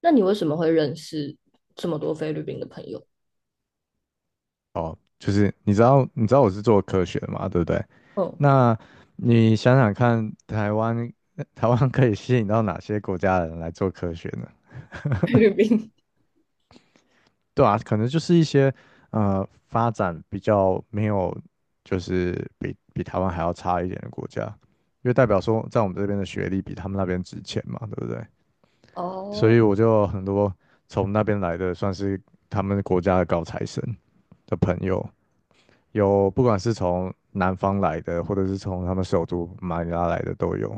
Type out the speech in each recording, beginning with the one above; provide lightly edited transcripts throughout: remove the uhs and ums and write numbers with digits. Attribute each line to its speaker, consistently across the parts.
Speaker 1: 那你为什么会认识这么多菲律宾的朋友？
Speaker 2: 哦，就是你知道，你知道我是做科学的嘛，对不对？
Speaker 1: 嗯，
Speaker 2: 那你想想看，台湾台湾可以吸引到哪些国家的人来做科学呢？
Speaker 1: 菲律宾。
Speaker 2: 对啊，可能就是一些发展比较没有，就是比台湾还要差一点的国家，因为代表说在我们这边的学历比他们那边值钱嘛，对不对？所
Speaker 1: 哦，
Speaker 2: 以我就有很多从那边来的，算是他们国家的高材生的朋友。有不管是从南方来的，或者是从他们首都马尼拉来的都有。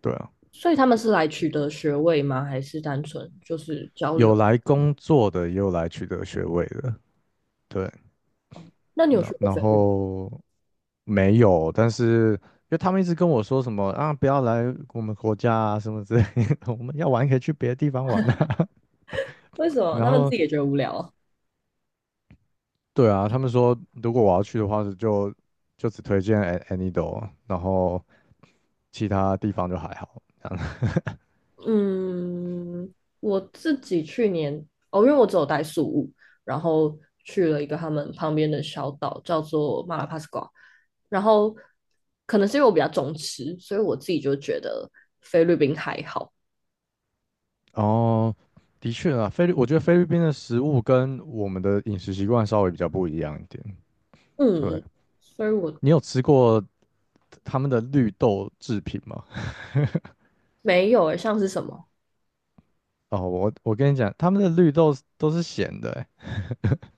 Speaker 2: 对啊，
Speaker 1: 所以他们是来取得学位吗？还是单纯就是交
Speaker 2: 有
Speaker 1: 流？
Speaker 2: 来工作的，也有来取得学位的。对，
Speaker 1: 那你有
Speaker 2: 那
Speaker 1: 学过
Speaker 2: 然
Speaker 1: 菲律宾？
Speaker 2: 后没有，但是因为他们一直跟我说什么啊，不要来我们国家啊，什么之类的，我们要玩可以去别的地方玩啊。
Speaker 1: 为什 么
Speaker 2: 然
Speaker 1: 他们自
Speaker 2: 后
Speaker 1: 己也觉得无聊啊？
Speaker 2: 对啊，他们说如果我要去的话，就只推荐 An- Anido,然后其他地方就还好。这
Speaker 1: 嗯，我自己去年，哦，因为我只有待宿务，然后去了一个他们旁边的小岛，叫做马拉帕斯瓜。然后可能是因为我比较重吃，所以我自己就觉得菲律宾还好。
Speaker 2: 哦，的确啊，菲律，我觉得菲律宾的食物跟我们的饮食习惯稍微比较不一样一点。对，
Speaker 1: 嗯，所以我
Speaker 2: 你有吃过他们的绿豆制品吗？
Speaker 1: 没有诶，像是什么？
Speaker 2: 哦，我跟你讲，他们的绿豆是都是咸的欸，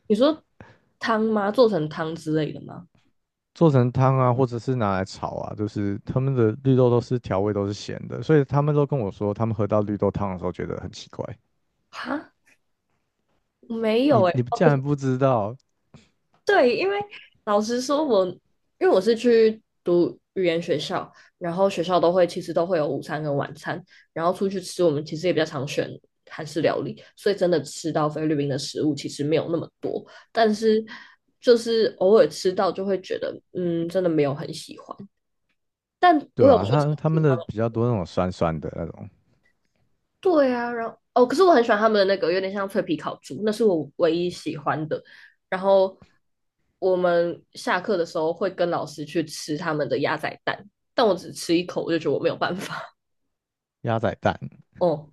Speaker 1: 你说汤吗？做成汤之类的吗？
Speaker 2: 做成汤啊，或者是拿来炒啊，就是他们的绿豆都是调味都是咸的，所以他们都跟我说，他们喝到绿豆汤的时候觉得很奇怪。
Speaker 1: 哈，没有
Speaker 2: 你
Speaker 1: 诶。
Speaker 2: 你
Speaker 1: 哦，
Speaker 2: 竟
Speaker 1: 不
Speaker 2: 然
Speaker 1: 是，
Speaker 2: 不知道？
Speaker 1: 对，因为老实说我，因为我是去读语言学校，然后学校都会其实都会有午餐跟晚餐，然后出去吃，我们其实也比较常选韩式料理，所以真的吃到菲律宾的食物其实没有那么多，但是就是偶尔吃到就会觉得，嗯，真的没有很喜欢。但我
Speaker 2: 对
Speaker 1: 有
Speaker 2: 啊，
Speaker 1: 去
Speaker 2: 他
Speaker 1: 尝
Speaker 2: 他们
Speaker 1: 试他
Speaker 2: 的
Speaker 1: 们，
Speaker 2: 比较多那种酸酸的那种
Speaker 1: 对啊，然后哦，可是我很喜欢他们的那个有点像脆皮烤猪，那是我唯一喜欢的。然后我们下课的时候会跟老师去吃他们的鸭仔蛋，但我只吃一口我就觉得我没有办法。
Speaker 2: 鸭仔蛋
Speaker 1: 哦，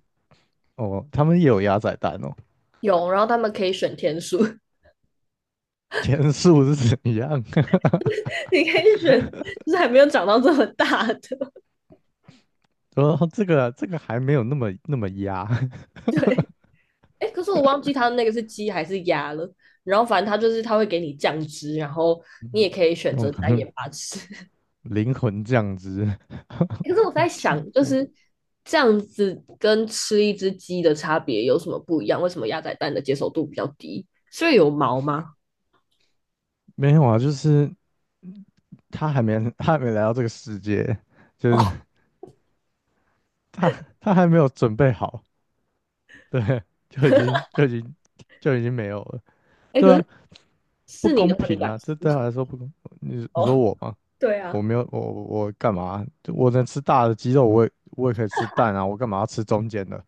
Speaker 2: 哦，他们也有鸭仔蛋哦。
Speaker 1: 有，然后他们可以选天数，
Speaker 2: 天数是怎样？
Speaker 1: 你可以选，就是还没有长到这么大的。
Speaker 2: 哦，这个这个还没有那么压，
Speaker 1: 对，哎，可是我忘记他那个是鸡还是鸭了。然后反正他就是他会给你酱汁，然后 你也
Speaker 2: 嗯
Speaker 1: 可以选
Speaker 2: 我
Speaker 1: 择
Speaker 2: 可
Speaker 1: 单
Speaker 2: 能
Speaker 1: 眼巴吃。
Speaker 2: 灵魂降职，
Speaker 1: 可是我
Speaker 2: 我
Speaker 1: 在
Speaker 2: 真
Speaker 1: 想，就
Speaker 2: 我
Speaker 1: 是这样子跟吃一只鸡的差别有什么不一样？为什么鸭仔蛋的接受度比较低？是因为有毛吗？
Speaker 2: 没有啊，就是他还没来到这个世界，就是
Speaker 1: 哦，
Speaker 2: 他他还没有准备好，对，就已经就已经就已经没有了，
Speaker 1: 哎，
Speaker 2: 对
Speaker 1: 可
Speaker 2: 啊，
Speaker 1: 是
Speaker 2: 不
Speaker 1: 是你
Speaker 2: 公
Speaker 1: 的话，你
Speaker 2: 平
Speaker 1: 敢
Speaker 2: 啊，
Speaker 1: 吃
Speaker 2: 这对他
Speaker 1: 吗？
Speaker 2: 来说不公。你 你说
Speaker 1: 哦，
Speaker 2: 我吗？
Speaker 1: 对
Speaker 2: 我
Speaker 1: 啊，
Speaker 2: 没有我干嘛？就我能吃大的鸡肉，我也可以吃蛋啊，我干嘛要吃中间的？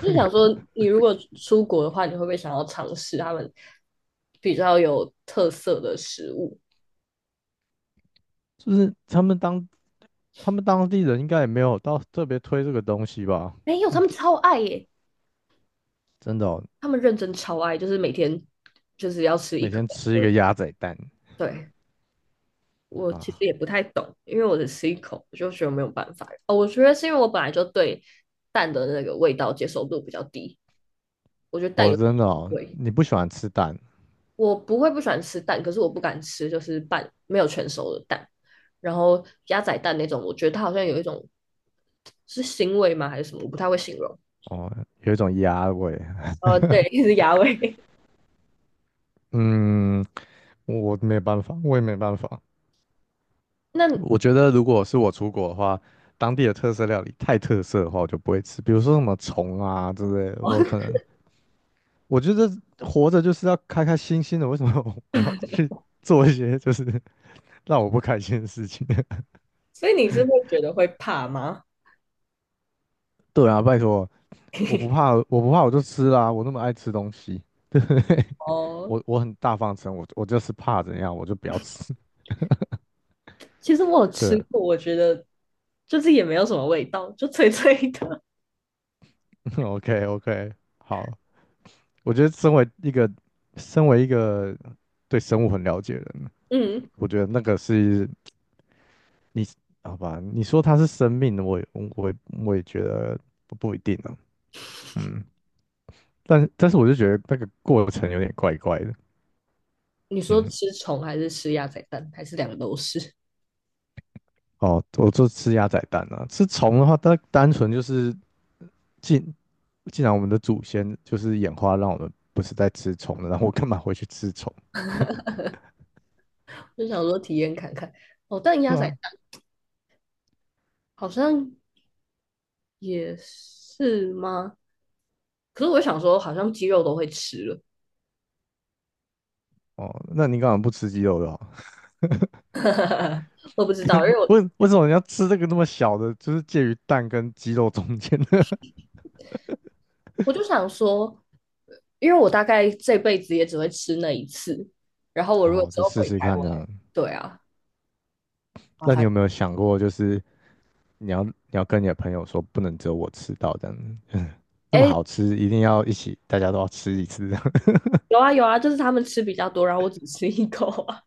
Speaker 1: 就是想说，你如果出国的话，你会不会想要尝试他们比较有特色的食物？
Speaker 2: 就是他们当地人应该也没有到特别推这个东西吧？
Speaker 1: 没有，他们超爱耶，
Speaker 2: 真的哦，
Speaker 1: 他们认真超爱，就是每天就是要吃一
Speaker 2: 每
Speaker 1: 颗
Speaker 2: 天
Speaker 1: 两
Speaker 2: 吃一
Speaker 1: 颗，
Speaker 2: 个鸭仔蛋
Speaker 1: 对。我其实
Speaker 2: 啊，
Speaker 1: 也不太懂，因为我只吃一口，我就觉得没有办法。哦，我觉得是因为我本来就对蛋的那个味道接受度比较低，我觉得蛋
Speaker 2: 哦，
Speaker 1: 有腥
Speaker 2: 真的哦，
Speaker 1: 味，
Speaker 2: 你不喜欢吃蛋
Speaker 1: 我不会不喜欢吃蛋，可是我不敢吃就是半没有全熟的蛋，然后鸭仔蛋那种，我觉得它好像有一种是腥味吗还是什么，我不太会形容。
Speaker 2: 哦，有一种鸭味。
Speaker 1: 对，是鸭味。
Speaker 2: 嗯，我没办法，我也没办法。
Speaker 1: 那，
Speaker 2: 我觉得如果是我出国的话，当地的特色料理太特色的话，我就不会吃。比如说什么虫啊之类的，我
Speaker 1: 哦，
Speaker 2: 可能我觉得活着就是要开开心心的，为什么 我要去做一些让我不开心的事情？
Speaker 1: 所以你是会觉得会怕吗？
Speaker 2: 对啊，拜托，我不 怕，我不怕，我就吃啦、我那么爱吃东西，对不对？
Speaker 1: 哦，
Speaker 2: 我很大方承认我就是怕怎样，我就不要吃。
Speaker 1: 其实我有
Speaker 2: 对
Speaker 1: 吃
Speaker 2: 啊
Speaker 1: 过，我觉得就是也没有什么味道，就脆脆的。
Speaker 2: ，OK OK,好，我觉得身为一个对生物很了解的 人，
Speaker 1: 嗯，
Speaker 2: 我觉得那个是你好吧？你说它是生命，我也我也我也觉得不一定啊，嗯，但是我就觉得那个过程有点怪怪的，
Speaker 1: 你说
Speaker 2: 嗯。
Speaker 1: 吃虫还是吃鸭仔蛋，还是两个都是？
Speaker 2: 哦，我就吃鸭仔蛋啊。吃虫的话，它单纯就是既既然我们的祖先就是演化让我们不是在吃虫的，然后我干嘛回去吃虫？
Speaker 1: 就想说体验看看。哦，但鸭
Speaker 2: 对
Speaker 1: 仔
Speaker 2: 啊，
Speaker 1: 蛋好像也是吗？可是我想说，好像鸡肉都会吃了，
Speaker 2: 哦，那你干嘛不吃鸡肉的好？
Speaker 1: 我不知道，因为我
Speaker 2: 为什么你要吃这个那么小的，就是介于蛋跟鸡肉中间的？
Speaker 1: 我就想说，因为我大概这辈子也只会吃那一次。然后 我
Speaker 2: 然
Speaker 1: 如果
Speaker 2: 后
Speaker 1: 之
Speaker 2: 就
Speaker 1: 后
Speaker 2: 试
Speaker 1: 回
Speaker 2: 试
Speaker 1: 台
Speaker 2: 看
Speaker 1: 湾，
Speaker 2: 这样。
Speaker 1: 对啊，麻
Speaker 2: 那你
Speaker 1: 烦。
Speaker 2: 有没有想过，就是你要跟你的朋友说，不能只有我吃到这样子，那么
Speaker 1: 哎，
Speaker 2: 好吃，一定要一起，大家都要吃一次这样。
Speaker 1: 有啊有啊，就是他们吃比较多，然后我只吃一口啊。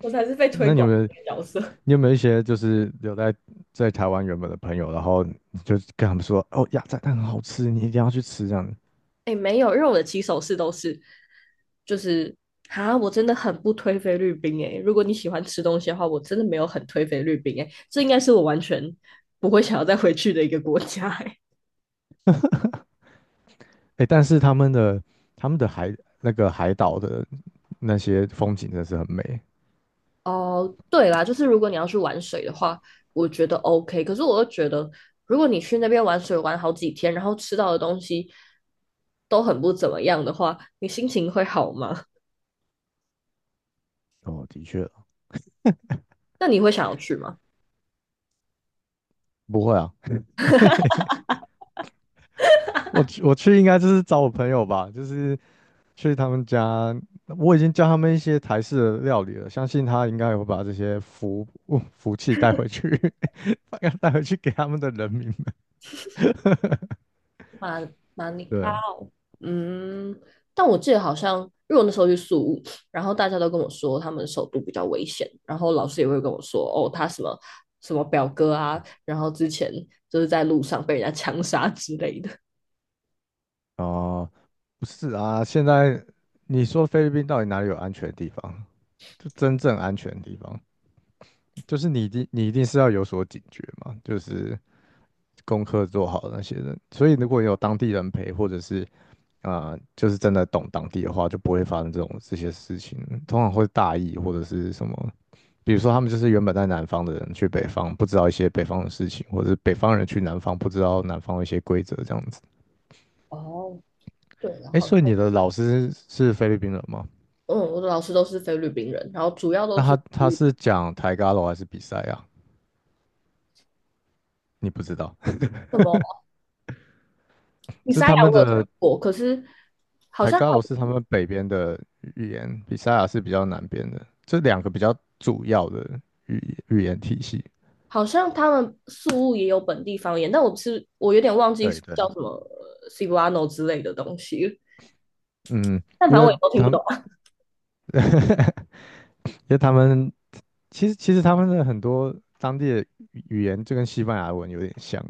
Speaker 1: 我才是被 推
Speaker 2: 那你有
Speaker 1: 广
Speaker 2: 没有。
Speaker 1: 的角色。
Speaker 2: 你有没有一些就是留在在台湾原本的朋友，然后你就跟他们说，哦，鸭仔蛋很好吃，你一定要去吃这样子。
Speaker 1: 哎，欸没有，因为我的起手式都是，就是啊，我真的很不推菲律宾哎。欸如果你喜欢吃东西的话，我真的没有很推菲律宾哎，欸这应该是我完全不会想要再回去的一个国家哎。欸
Speaker 2: 哎，但是他们的那个海岛的那些风景真的是很美。
Speaker 1: 哦，对啦，就是如果你要去玩水的话，我觉得 OK。可是我又觉得，如果你去那边玩水玩好几天，然后吃到的东西都很不怎么样的话，你心情会好吗？
Speaker 2: 哦，的确，
Speaker 1: 那你会想要去吗？
Speaker 2: 不会啊，我去应该就是找我朋友吧，就是去他们家，我已经教他们一些台式的料理了，相信他应该也会把这些福气带回去，把它带回去给他们的人民们。
Speaker 1: 马马尼
Speaker 2: 对
Speaker 1: 拉。
Speaker 2: 啊，
Speaker 1: 嗯，但我记得好像，因为我那时候去宿务，然后大家都跟我说他们首都比较危险，然后老师也会跟我说，哦，他什么什么表哥啊，然后之前就是在路上被人家枪杀之类的。
Speaker 2: 哦、不是啊，现在你说菲律宾到底哪里有安全的地方？就真正安全的地方，就是你一定是要有所警觉嘛，就是功课做好那些人。所以如果有当地人陪，或者是啊、就是真的懂当地的话，就不会发生这些事情。通常会大意或者是什么，比如说他们就是原本在南方的人去北方，不知道一些北方的事情，或者是北方人去南方不知道南方的一些规则这样子。
Speaker 1: 哦，对，然
Speaker 2: 哎，
Speaker 1: 后
Speaker 2: 所以你的老师是菲律宾人吗？
Speaker 1: 嗯，我的老师都是菲律宾人，然后主要都
Speaker 2: 那
Speaker 1: 是
Speaker 2: 他是讲台嘎楼还是比赛啊？你不知道，
Speaker 1: 什么 米
Speaker 2: 这是
Speaker 1: 沙
Speaker 2: 他
Speaker 1: 亚
Speaker 2: 们
Speaker 1: 我有听
Speaker 2: 的
Speaker 1: 过，可是好
Speaker 2: 台
Speaker 1: 像还
Speaker 2: 嘎楼是他
Speaker 1: 有
Speaker 2: 们北边的语言，比赛啊是比较南边的，这两个比较主要的语言体系。
Speaker 1: 好像他们宿务也有本地方言，但我是我有点忘记
Speaker 2: 对对，
Speaker 1: 叫什么 Cebuano 之类的东西，
Speaker 2: 嗯，
Speaker 1: 但反
Speaker 2: 因
Speaker 1: 正
Speaker 2: 为
Speaker 1: 我也都听不
Speaker 2: 他们，
Speaker 1: 懂。
Speaker 2: 因为他们其实他们的很多当地的语言就跟西班牙文有点像，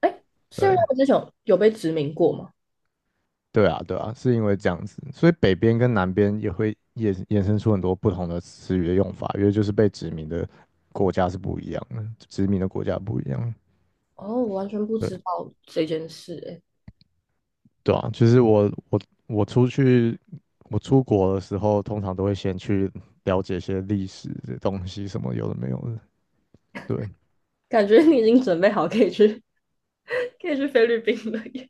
Speaker 1: 哎，是因为
Speaker 2: 对，
Speaker 1: 他们之前有被殖民过吗？
Speaker 2: 对啊，对啊，是因为这样子，所以北边跟南边也会衍生出很多不同的词语的用法，因为就是被殖民的国家是不一样的，殖民的国家不一样。
Speaker 1: 哦，我完全不
Speaker 2: 对，
Speaker 1: 知道这件事、哎，
Speaker 2: 对啊，就是我我出去，我出国的时候，通常都会先去了解一些历史的东西，什么有的没有的。对，
Speaker 1: 感觉你已经准备好可以去 可以去菲律宾了耶。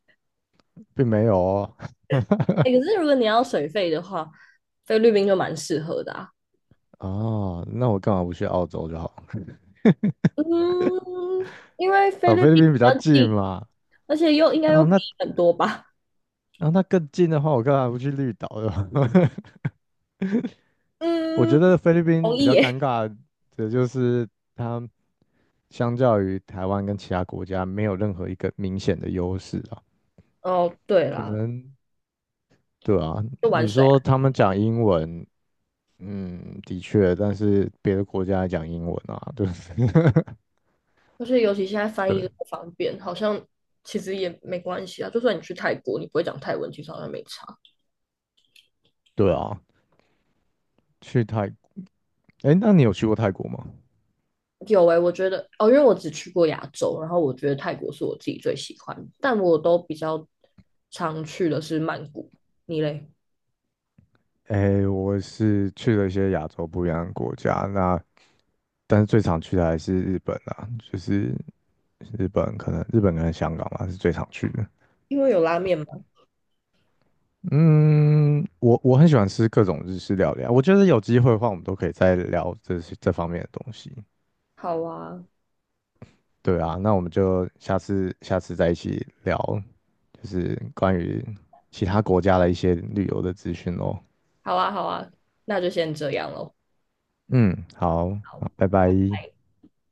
Speaker 2: 并没有哦。
Speaker 1: 哎，可是如果你要水费的话，菲律宾就蛮适合的啊。
Speaker 2: 哦，那我干嘛不去澳洲就好？
Speaker 1: 嗯，因为菲
Speaker 2: 哦，
Speaker 1: 律
Speaker 2: 菲律
Speaker 1: 宾
Speaker 2: 宾
Speaker 1: 比
Speaker 2: 比较
Speaker 1: 较
Speaker 2: 近
Speaker 1: 近，
Speaker 2: 嘛。
Speaker 1: 而且又应该
Speaker 2: 然
Speaker 1: 又
Speaker 2: 后
Speaker 1: 便
Speaker 2: 那
Speaker 1: 宜很多吧。
Speaker 2: 然后那更近的话，我干嘛不去绿岛呢？我觉
Speaker 1: 嗯，
Speaker 2: 得菲律宾
Speaker 1: 同
Speaker 2: 比
Speaker 1: 意
Speaker 2: 较
Speaker 1: 耶。
Speaker 2: 尴尬的就是它相较于台湾跟其他国家没有任何一个明显的优势啊。
Speaker 1: 哦，对
Speaker 2: 可
Speaker 1: 啦，
Speaker 2: 能对啊，
Speaker 1: 就玩
Speaker 2: 你
Speaker 1: 水啊，
Speaker 2: 说他们讲英文，嗯，的确，但是别的国家也讲英文啊，对
Speaker 1: 而且尤其现在翻译
Speaker 2: 对
Speaker 1: 都不方便，好像其实也没关系啊。就算你去泰国，你不会讲泰文，其实好像没差。
Speaker 2: 对啊，去泰，哎，那你有去过泰国吗？
Speaker 1: 有诶、欸我觉得哦，因为我只去过亚洲，然后我觉得泰国是我自己最喜欢，但我都比较常去的是曼谷。你嘞？
Speaker 2: 诶，我是去了一些亚洲不一样的国家，那但是最常去的还是日本啊，就是日本跟香港吧是最常去的。
Speaker 1: 因为有拉面吗？
Speaker 2: 嗯，我很喜欢吃各种日式料理啊，我觉得有机会的话，我们都可以再聊这些这方面的东西。
Speaker 1: 好啊，
Speaker 2: 对啊，那我们就下次再一起聊，就是关于其他国家的一些旅游的资讯咯。
Speaker 1: 好啊，好啊，那就先这样咯。
Speaker 2: 嗯，好，好，拜拜。